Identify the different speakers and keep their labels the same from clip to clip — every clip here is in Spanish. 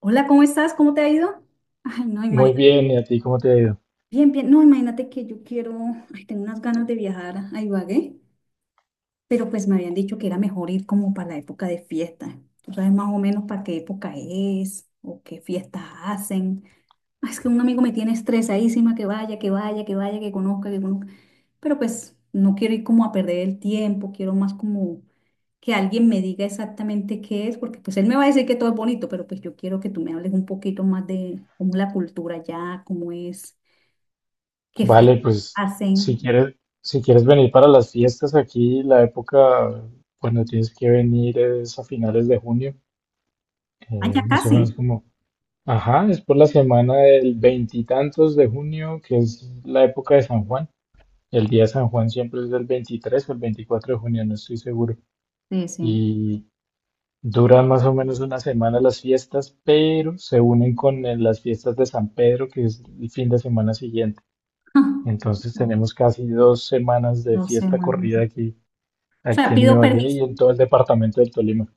Speaker 1: Hola, ¿cómo estás? ¿Cómo te ha ido? Ay, no,
Speaker 2: Muy
Speaker 1: imagínate.
Speaker 2: bien, ¿y a ti cómo te ha ido?
Speaker 1: Bien, bien. No, imagínate que yo quiero, ay, tengo unas ganas de viajar a Ibagué, pero pues me habían dicho que era mejor ir como para la época de fiesta. ¿Tú sabes más o menos para qué época es o qué fiestas hacen? Ay, es que un amigo me tiene estresadísima que vaya, que vaya, que vaya, que conozca, que conozca. Pero pues no quiero ir como a perder el tiempo, quiero más como que alguien me diga exactamente qué es, porque pues él me va a decir que todo es bonito, pero pues yo quiero que tú me hables un poquito más de cómo es la cultura allá, cómo es, qué fiestas
Speaker 2: Vale, pues si
Speaker 1: hacen.
Speaker 2: quieres, si quieres venir para las fiestas aquí, la época cuando tienes que venir es a finales de junio,
Speaker 1: Allá
Speaker 2: más o
Speaker 1: casi.
Speaker 2: menos como, ajá, es por la semana del veintitantos de junio, que es la época de San Juan. El día de San Juan siempre es del 23 o el 24 de junio, no estoy seguro.
Speaker 1: Sí, sí.
Speaker 2: Y duran más o menos una semana las fiestas, pero se unen con las fiestas de San Pedro, que es el fin de semana siguiente. Entonces tenemos casi 2 semanas de
Speaker 1: No sé,
Speaker 2: fiesta
Speaker 1: mamá.
Speaker 2: corrida aquí,
Speaker 1: O sea,
Speaker 2: aquí en
Speaker 1: pido
Speaker 2: Ibagué
Speaker 1: permiso.
Speaker 2: y en todo el departamento del Tolima.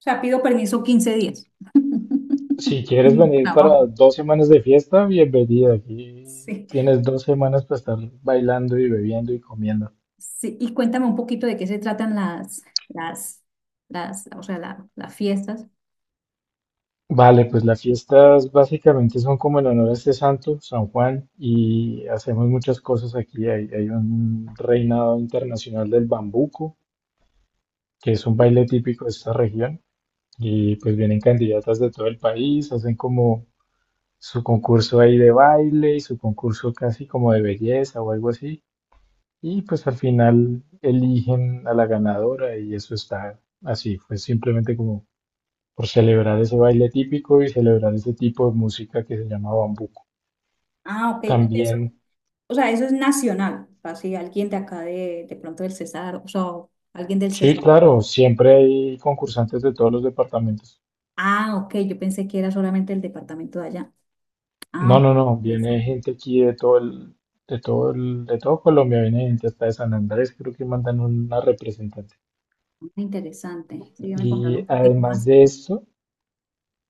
Speaker 1: O sea, pido permiso 15 días.
Speaker 2: Si
Speaker 1: en
Speaker 2: quieres
Speaker 1: mi
Speaker 2: venir
Speaker 1: trabajo.
Speaker 2: para 2 semanas de fiesta, bienvenida. Aquí
Speaker 1: Sí,
Speaker 2: tienes 2 semanas para estar bailando y bebiendo y comiendo.
Speaker 1: sí. Y cuéntame un poquito de qué se tratan las, las, o sea, las fiestas.
Speaker 2: Vale, pues las fiestas básicamente son como en honor a este santo, San Juan, y hacemos muchas cosas aquí. Hay un reinado internacional del bambuco, que es un baile típico de esta región, y pues vienen candidatas de todo el país, hacen como su concurso ahí de baile y su concurso casi como de belleza o algo así. Y pues al final eligen a la ganadora y eso está así. Fue simplemente como por celebrar ese baile típico y celebrar ese tipo de música que se llama bambuco.
Speaker 1: Ah, ok. ¿Y eso?
Speaker 2: También,
Speaker 1: O sea, eso es nacional, así alguien de acá de pronto del Cesar, o sea, alguien del
Speaker 2: sí,
Speaker 1: Cesar.
Speaker 2: claro, siempre hay concursantes de todos los departamentos.
Speaker 1: Ah, ok, yo pensé que era solamente el departamento de allá. Ah,
Speaker 2: No,
Speaker 1: ok,
Speaker 2: no, no, viene
Speaker 1: interesante.
Speaker 2: gente aquí de todo Colombia, viene gente hasta de San Andrés, creo que mandan una representante.
Speaker 1: Ah, interesante. Sígueme contando
Speaker 2: Y
Speaker 1: un poquito
Speaker 2: además
Speaker 1: más.
Speaker 2: de eso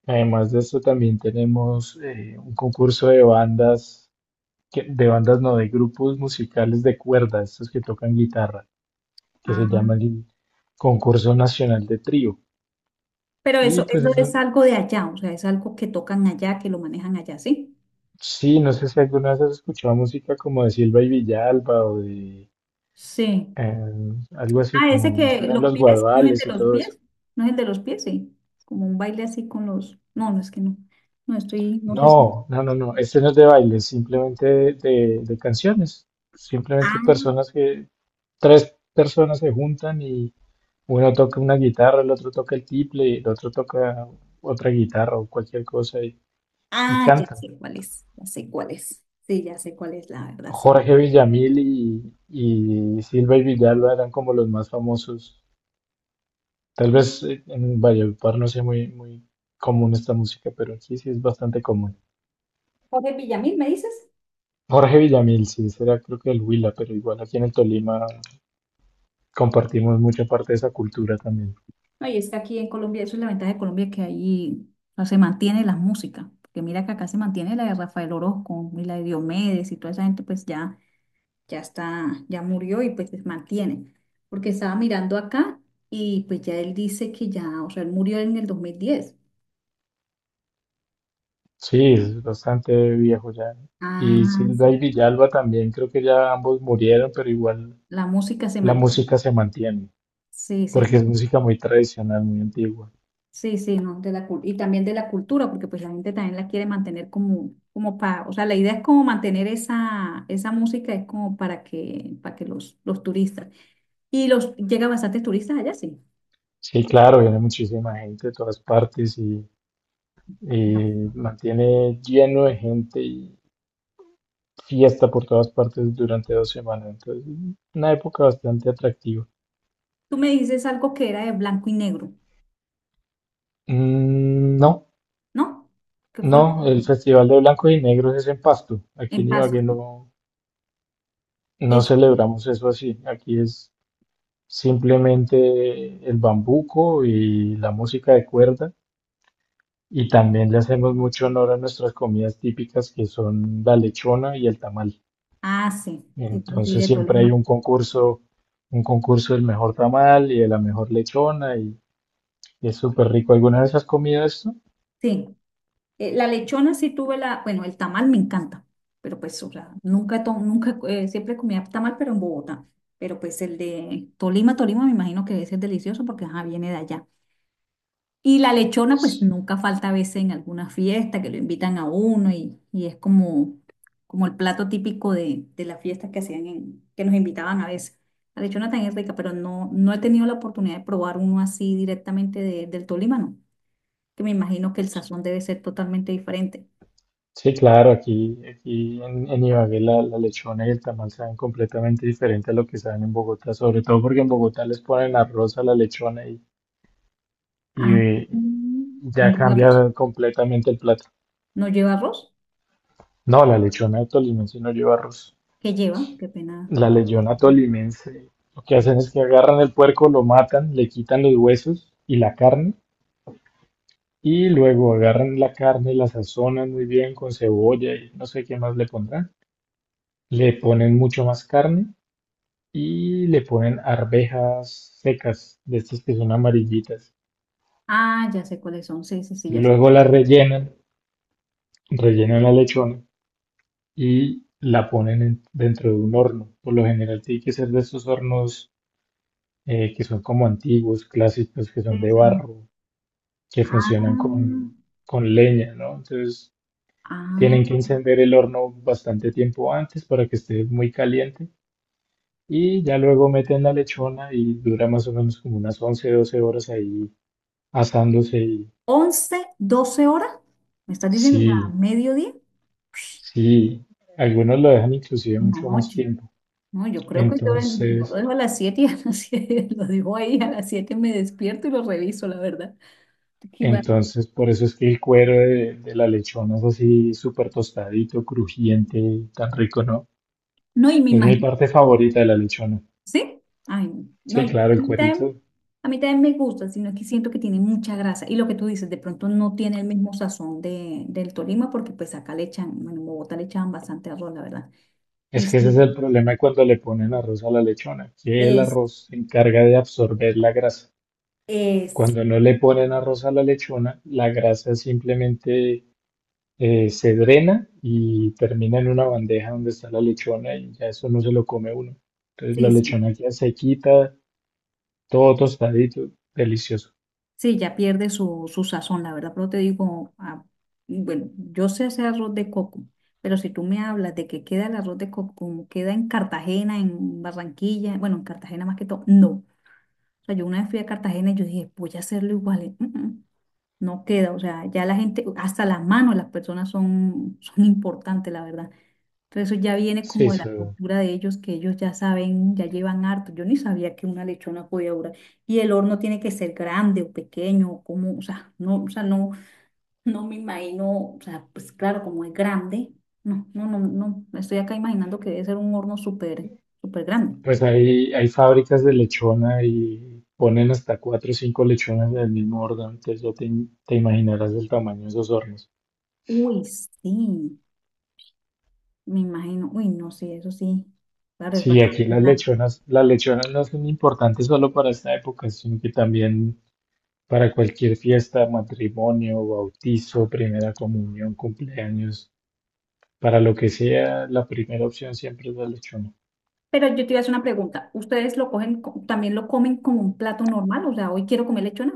Speaker 2: Además de eso, también tenemos un concurso de bandas, de bandas no, de grupos musicales de cuerda, estos que tocan guitarra, que se
Speaker 1: Ah,
Speaker 2: llama el Concurso Nacional de Trío.
Speaker 1: pero
Speaker 2: Y
Speaker 1: eso,
Speaker 2: pues
Speaker 1: eso
Speaker 2: es
Speaker 1: es
Speaker 2: un-
Speaker 1: algo de allá, o sea, es algo que tocan allá, que lo manejan allá, ¿sí?
Speaker 2: sí, no sé si alguna vez has escuchado música como de Silva y Villalba o de
Speaker 1: Sí.
Speaker 2: algo así
Speaker 1: Ah, ese
Speaker 2: como
Speaker 1: que
Speaker 2: Lloran
Speaker 1: los
Speaker 2: los
Speaker 1: pies, ¿no es el de
Speaker 2: Guaduales y
Speaker 1: los
Speaker 2: todo eso.
Speaker 1: pies? ¿No es el de los pies? Sí. Como un baile así con los. No, no es que no. No estoy, no sé si.
Speaker 2: No, no, no, no, este no es de baile, simplemente de canciones, simplemente
Speaker 1: Ah.
Speaker 2: personas que, tres personas se juntan y uno toca una guitarra, el otro toca el tiple, el otro toca otra guitarra o cualquier cosa y
Speaker 1: Ya sé
Speaker 2: cantan.
Speaker 1: cuál es, ya sé cuál es. Sí, ya sé cuál es, la verdad, sí.
Speaker 2: Jorge Villamil y Silva y Villalba eran como los más famosos. Tal vez en Valledupar no sea muy, muy común esta música, pero aquí sí es bastante común.
Speaker 1: Jorge Villamil, ¿me dices?
Speaker 2: Jorge Villamil, sí, será creo que el Huila, pero igual aquí en el Tolima compartimos mucha parte de esa cultura también.
Speaker 1: No, y es que aquí en Colombia, eso es la ventaja de Colombia, que ahí no se mantiene la música. Porque mira que acá se mantiene la de Rafael Orozco y la de Diomedes y toda esa gente, pues ya, ya está, ya murió y pues se mantiene. Porque estaba mirando acá y pues ya él dice que ya, o sea, él murió en el 2010.
Speaker 2: Sí, es bastante viejo ya. Y
Speaker 1: Ah,
Speaker 2: Silva y
Speaker 1: sí.
Speaker 2: Villalba también, creo que ya ambos murieron, pero igual
Speaker 1: La música se
Speaker 2: la
Speaker 1: mantiene.
Speaker 2: música se mantiene,
Speaker 1: Sí, sí.
Speaker 2: porque es música muy tradicional, muy antigua.
Speaker 1: Sí, sí, no, de la, y también de la cultura, porque pues la gente también la quiere mantener como, para, o sea, la idea es como mantener esa, música, es como para que, los turistas, y los, llega bastantes turistas allá, sí.
Speaker 2: Sí, claro, viene muchísima gente de todas partes y,
Speaker 1: Ajá.
Speaker 2: y mantiene lleno de gente y fiesta por todas partes durante 2 semanas. Entonces, una época bastante atractiva.
Speaker 1: Tú me dices algo que era de blanco y negro,
Speaker 2: Mm, no,
Speaker 1: ¿no? ¿Qué fue lo que
Speaker 2: no, el Festival de Blanco y Negros es en Pasto. Aquí
Speaker 1: en
Speaker 2: en
Speaker 1: Paso?
Speaker 2: Ibagué no, no
Speaker 1: Es,
Speaker 2: celebramos eso así. Aquí es simplemente el bambuco y la música de cuerda. Y también le hacemos mucho honor a nuestras comidas típicas que son la lechona y el tamal.
Speaker 1: ah, sí, sí, yo sí,
Speaker 2: Entonces
Speaker 1: de
Speaker 2: siempre
Speaker 1: Tolima,
Speaker 2: hay un concurso del mejor tamal y de la mejor lechona y es súper rico. ¿Alguna vez has comido esto?
Speaker 1: sí. La lechona sí tuve la, bueno, el tamal me encanta, pero pues, o sea, nunca, siempre comía tamal, pero en Bogotá. Pero pues el de Tolima, Tolima me imagino que ese es delicioso porque ajá, viene de allá. Y la lechona, pues nunca falta a veces en alguna fiesta que lo invitan a uno y es como, como el plato típico de las fiestas que hacían que nos invitaban a veces. La lechona también es rica, pero no, no he tenido la oportunidad de probar uno así directamente del Tolima, no. Que me imagino que el sazón debe ser totalmente diferente.
Speaker 2: Sí, claro, aquí en Ibagué la lechona y el tamal saben completamente diferente a lo que saben en Bogotá, sobre todo porque en Bogotá les ponen arroz a la lechona y,
Speaker 1: Ah,
Speaker 2: eh,
Speaker 1: ¿no
Speaker 2: ya
Speaker 1: lleva
Speaker 2: cambia
Speaker 1: arroz?
Speaker 2: completamente el plato.
Speaker 1: ¿No lleva arroz?
Speaker 2: No, la lechona de Tolima sí no lleva arroz.
Speaker 1: ¿Qué lleva? Qué pena.
Speaker 2: La leyona tolimense, lo que hacen es que agarran el puerco, lo matan, le quitan los huesos y la carne, y luego agarran la carne, la sazonan muy bien con cebolla y no sé qué más le pondrán. Le ponen mucho más carne y le ponen arvejas secas, de estas que son amarillitas.
Speaker 1: Ah, ya sé cuáles son. Sí, sí, sí, ya sé.
Speaker 2: Luego la rellenan, rellenan la lechona y la ponen dentro de un horno. Por lo general tiene que ser de estos hornos que son como antiguos, clásicos, que
Speaker 1: Sí,
Speaker 2: son de
Speaker 1: sí.
Speaker 2: barro, que
Speaker 1: Ah,
Speaker 2: funcionan con leña, ¿no? Entonces tienen que
Speaker 1: ah.
Speaker 2: encender el horno bastante tiempo antes para que esté muy caliente y ya luego meten la lechona y dura más o menos como unas 11, 12 horas ahí asándose y
Speaker 1: 11 12 horas. ¿Me estás diciendo que a
Speaker 2: sí,
Speaker 1: mediodía?
Speaker 2: sí, algunos lo dejan inclusive
Speaker 1: En la
Speaker 2: mucho más
Speaker 1: noche.
Speaker 2: tiempo.
Speaker 1: No, yo creo que yo lo
Speaker 2: Entonces,
Speaker 1: dejo a las 7 y a las 7 lo dejo ahí. A las 7 me despierto y lo reviso, la verdad. Qué mal.
Speaker 2: entonces, por eso es que el cuero de la lechona es así súper tostadito, crujiente, tan rico, ¿no?
Speaker 1: No, y me
Speaker 2: Es mi
Speaker 1: imagino.
Speaker 2: parte favorita de la lechona.
Speaker 1: ¿Sí? Ay, no,
Speaker 2: Sí, claro,
Speaker 1: a
Speaker 2: el
Speaker 1: mí también,
Speaker 2: cuerito.
Speaker 1: a mí también me gusta, sino que siento que tiene mucha grasa. Y lo que tú dices, de pronto no tiene el mismo sazón del Tolima, porque pues acá le echan, bueno, en Bogotá le echaban bastante arroz, la verdad. Y
Speaker 2: Es que ese
Speaker 1: sí,
Speaker 2: es el problema de cuando le ponen arroz a la lechona, que el
Speaker 1: es,
Speaker 2: arroz se encarga de absorber la grasa.
Speaker 1: es,
Speaker 2: Cuando no le ponen arroz a la lechona, la grasa simplemente se drena y termina en una bandeja donde está la lechona y ya eso no se lo come uno. Entonces la
Speaker 1: sí, sí,
Speaker 2: lechona queda sequita, todo tostadito, delicioso.
Speaker 1: sí, ya pierde su sazón, la verdad. Pero te digo, ah, bueno, yo sé hacer arroz de coco, pero si tú me hablas de que queda el arroz de coco, como queda en Cartagena, en Barranquilla, bueno, en Cartagena más que todo, no. O sea, yo una vez fui a Cartagena y yo dije, voy a hacerlo igual. Y, "Mm, mm, no queda", o sea, ya la gente, hasta las manos, las personas son, son importantes, la verdad. Entonces eso ya viene
Speaker 2: Sí,
Speaker 1: como de la cultura de ellos, que ellos ya saben, ya llevan harto. Yo ni sabía que una lechona podía durar. Y el horno tiene que ser grande o pequeño, o como, o sea, no, no me imagino, o sea, pues claro, como es grande. No, no, no, no, me estoy acá imaginando que debe ser un horno súper, súper grande.
Speaker 2: pues hay fábricas de lechona y ponen hasta cuatro o cinco lechonas del mismo orden, entonces ya te imaginarás el tamaño de esos hornos.
Speaker 1: Uy, sí. Me imagino, uy, no, sí, eso sí, claro, es
Speaker 2: Sí, aquí
Speaker 1: bastante
Speaker 2: las
Speaker 1: grande.
Speaker 2: lechonas, las lechonas no son importantes solo para esta época, sino que también para cualquier fiesta, matrimonio, bautizo, primera comunión, cumpleaños, para lo que sea, la primera opción siempre es la lechona.
Speaker 1: Pero yo te iba a hacer una pregunta, ¿ustedes lo cogen, también lo comen como un plato normal? O sea, hoy quiero comer lechona.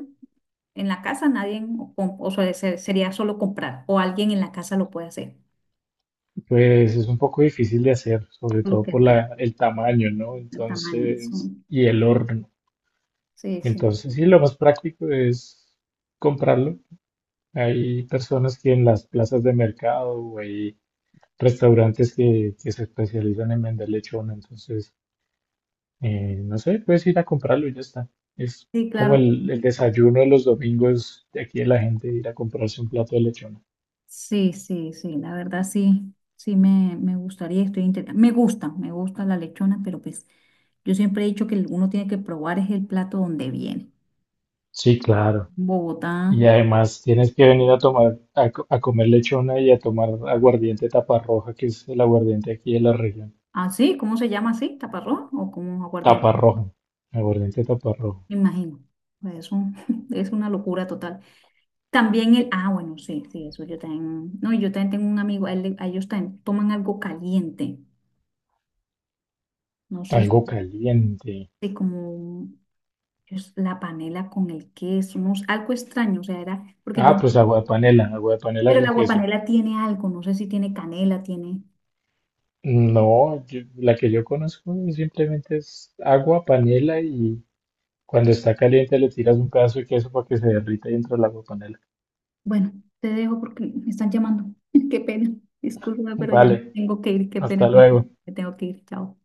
Speaker 1: En la casa nadie, o, o sea, sería solo comprar, o alguien en la casa lo puede hacer,
Speaker 2: Pues es un poco difícil de hacer, sobre
Speaker 1: lo
Speaker 2: todo
Speaker 1: que
Speaker 2: por
Speaker 1: es grande,
Speaker 2: la, el tamaño, ¿no?
Speaker 1: el tamaño. Sí,
Speaker 2: Entonces, y el horno.
Speaker 1: sí, sí,
Speaker 2: Entonces, sí, lo más práctico es comprarlo. Hay personas que en las plazas de mercado, o ahí restaurantes que se especializan en vender lechona, entonces, no sé, puedes ir a comprarlo y ya está. Es
Speaker 1: sí,
Speaker 2: como
Speaker 1: claro,
Speaker 2: el desayuno de los domingos de aquí de la gente, ir a comprarse un plato de lechona.
Speaker 1: sí, sí, sí, la verdad sí, sí me gustaría, estoy me gusta la lechona, pero pues yo siempre he dicho que uno tiene que probar es el plato donde viene.
Speaker 2: Sí, claro.
Speaker 1: Bogotá.
Speaker 2: Y además tienes que venir a tomar, a comer lechona y a tomar aguardiente taparroja, que es el aguardiente aquí de la región.
Speaker 1: Ah, sí, ¿cómo se llama así? ¿Taparrón o como aguardiente?
Speaker 2: Taparroja, aguardiente taparroja.
Speaker 1: Me imagino. Es un, es una locura total. También bueno, sí, sí, eso yo también, no, yo también tengo un amigo, a ellos también toman algo caliente, no sé
Speaker 2: Algo caliente.
Speaker 1: si como es la panela con el queso, no sé, algo extraño, o sea, era, porque yo,
Speaker 2: Ah, pues agua de panela
Speaker 1: pero el
Speaker 2: con
Speaker 1: agua
Speaker 2: queso.
Speaker 1: panela tiene algo, no sé si tiene canela, tiene,
Speaker 2: No, la que yo conozco simplemente es agua, panela y cuando está caliente le tiras un pedazo de queso para que se derrita y entra el agua panela.
Speaker 1: bueno, te dejo porque me están llamando, qué pena, disculpa, pero ya me
Speaker 2: Vale,
Speaker 1: tengo que ir, qué
Speaker 2: hasta
Speaker 1: pena contigo,
Speaker 2: luego.
Speaker 1: me tengo que ir, chao.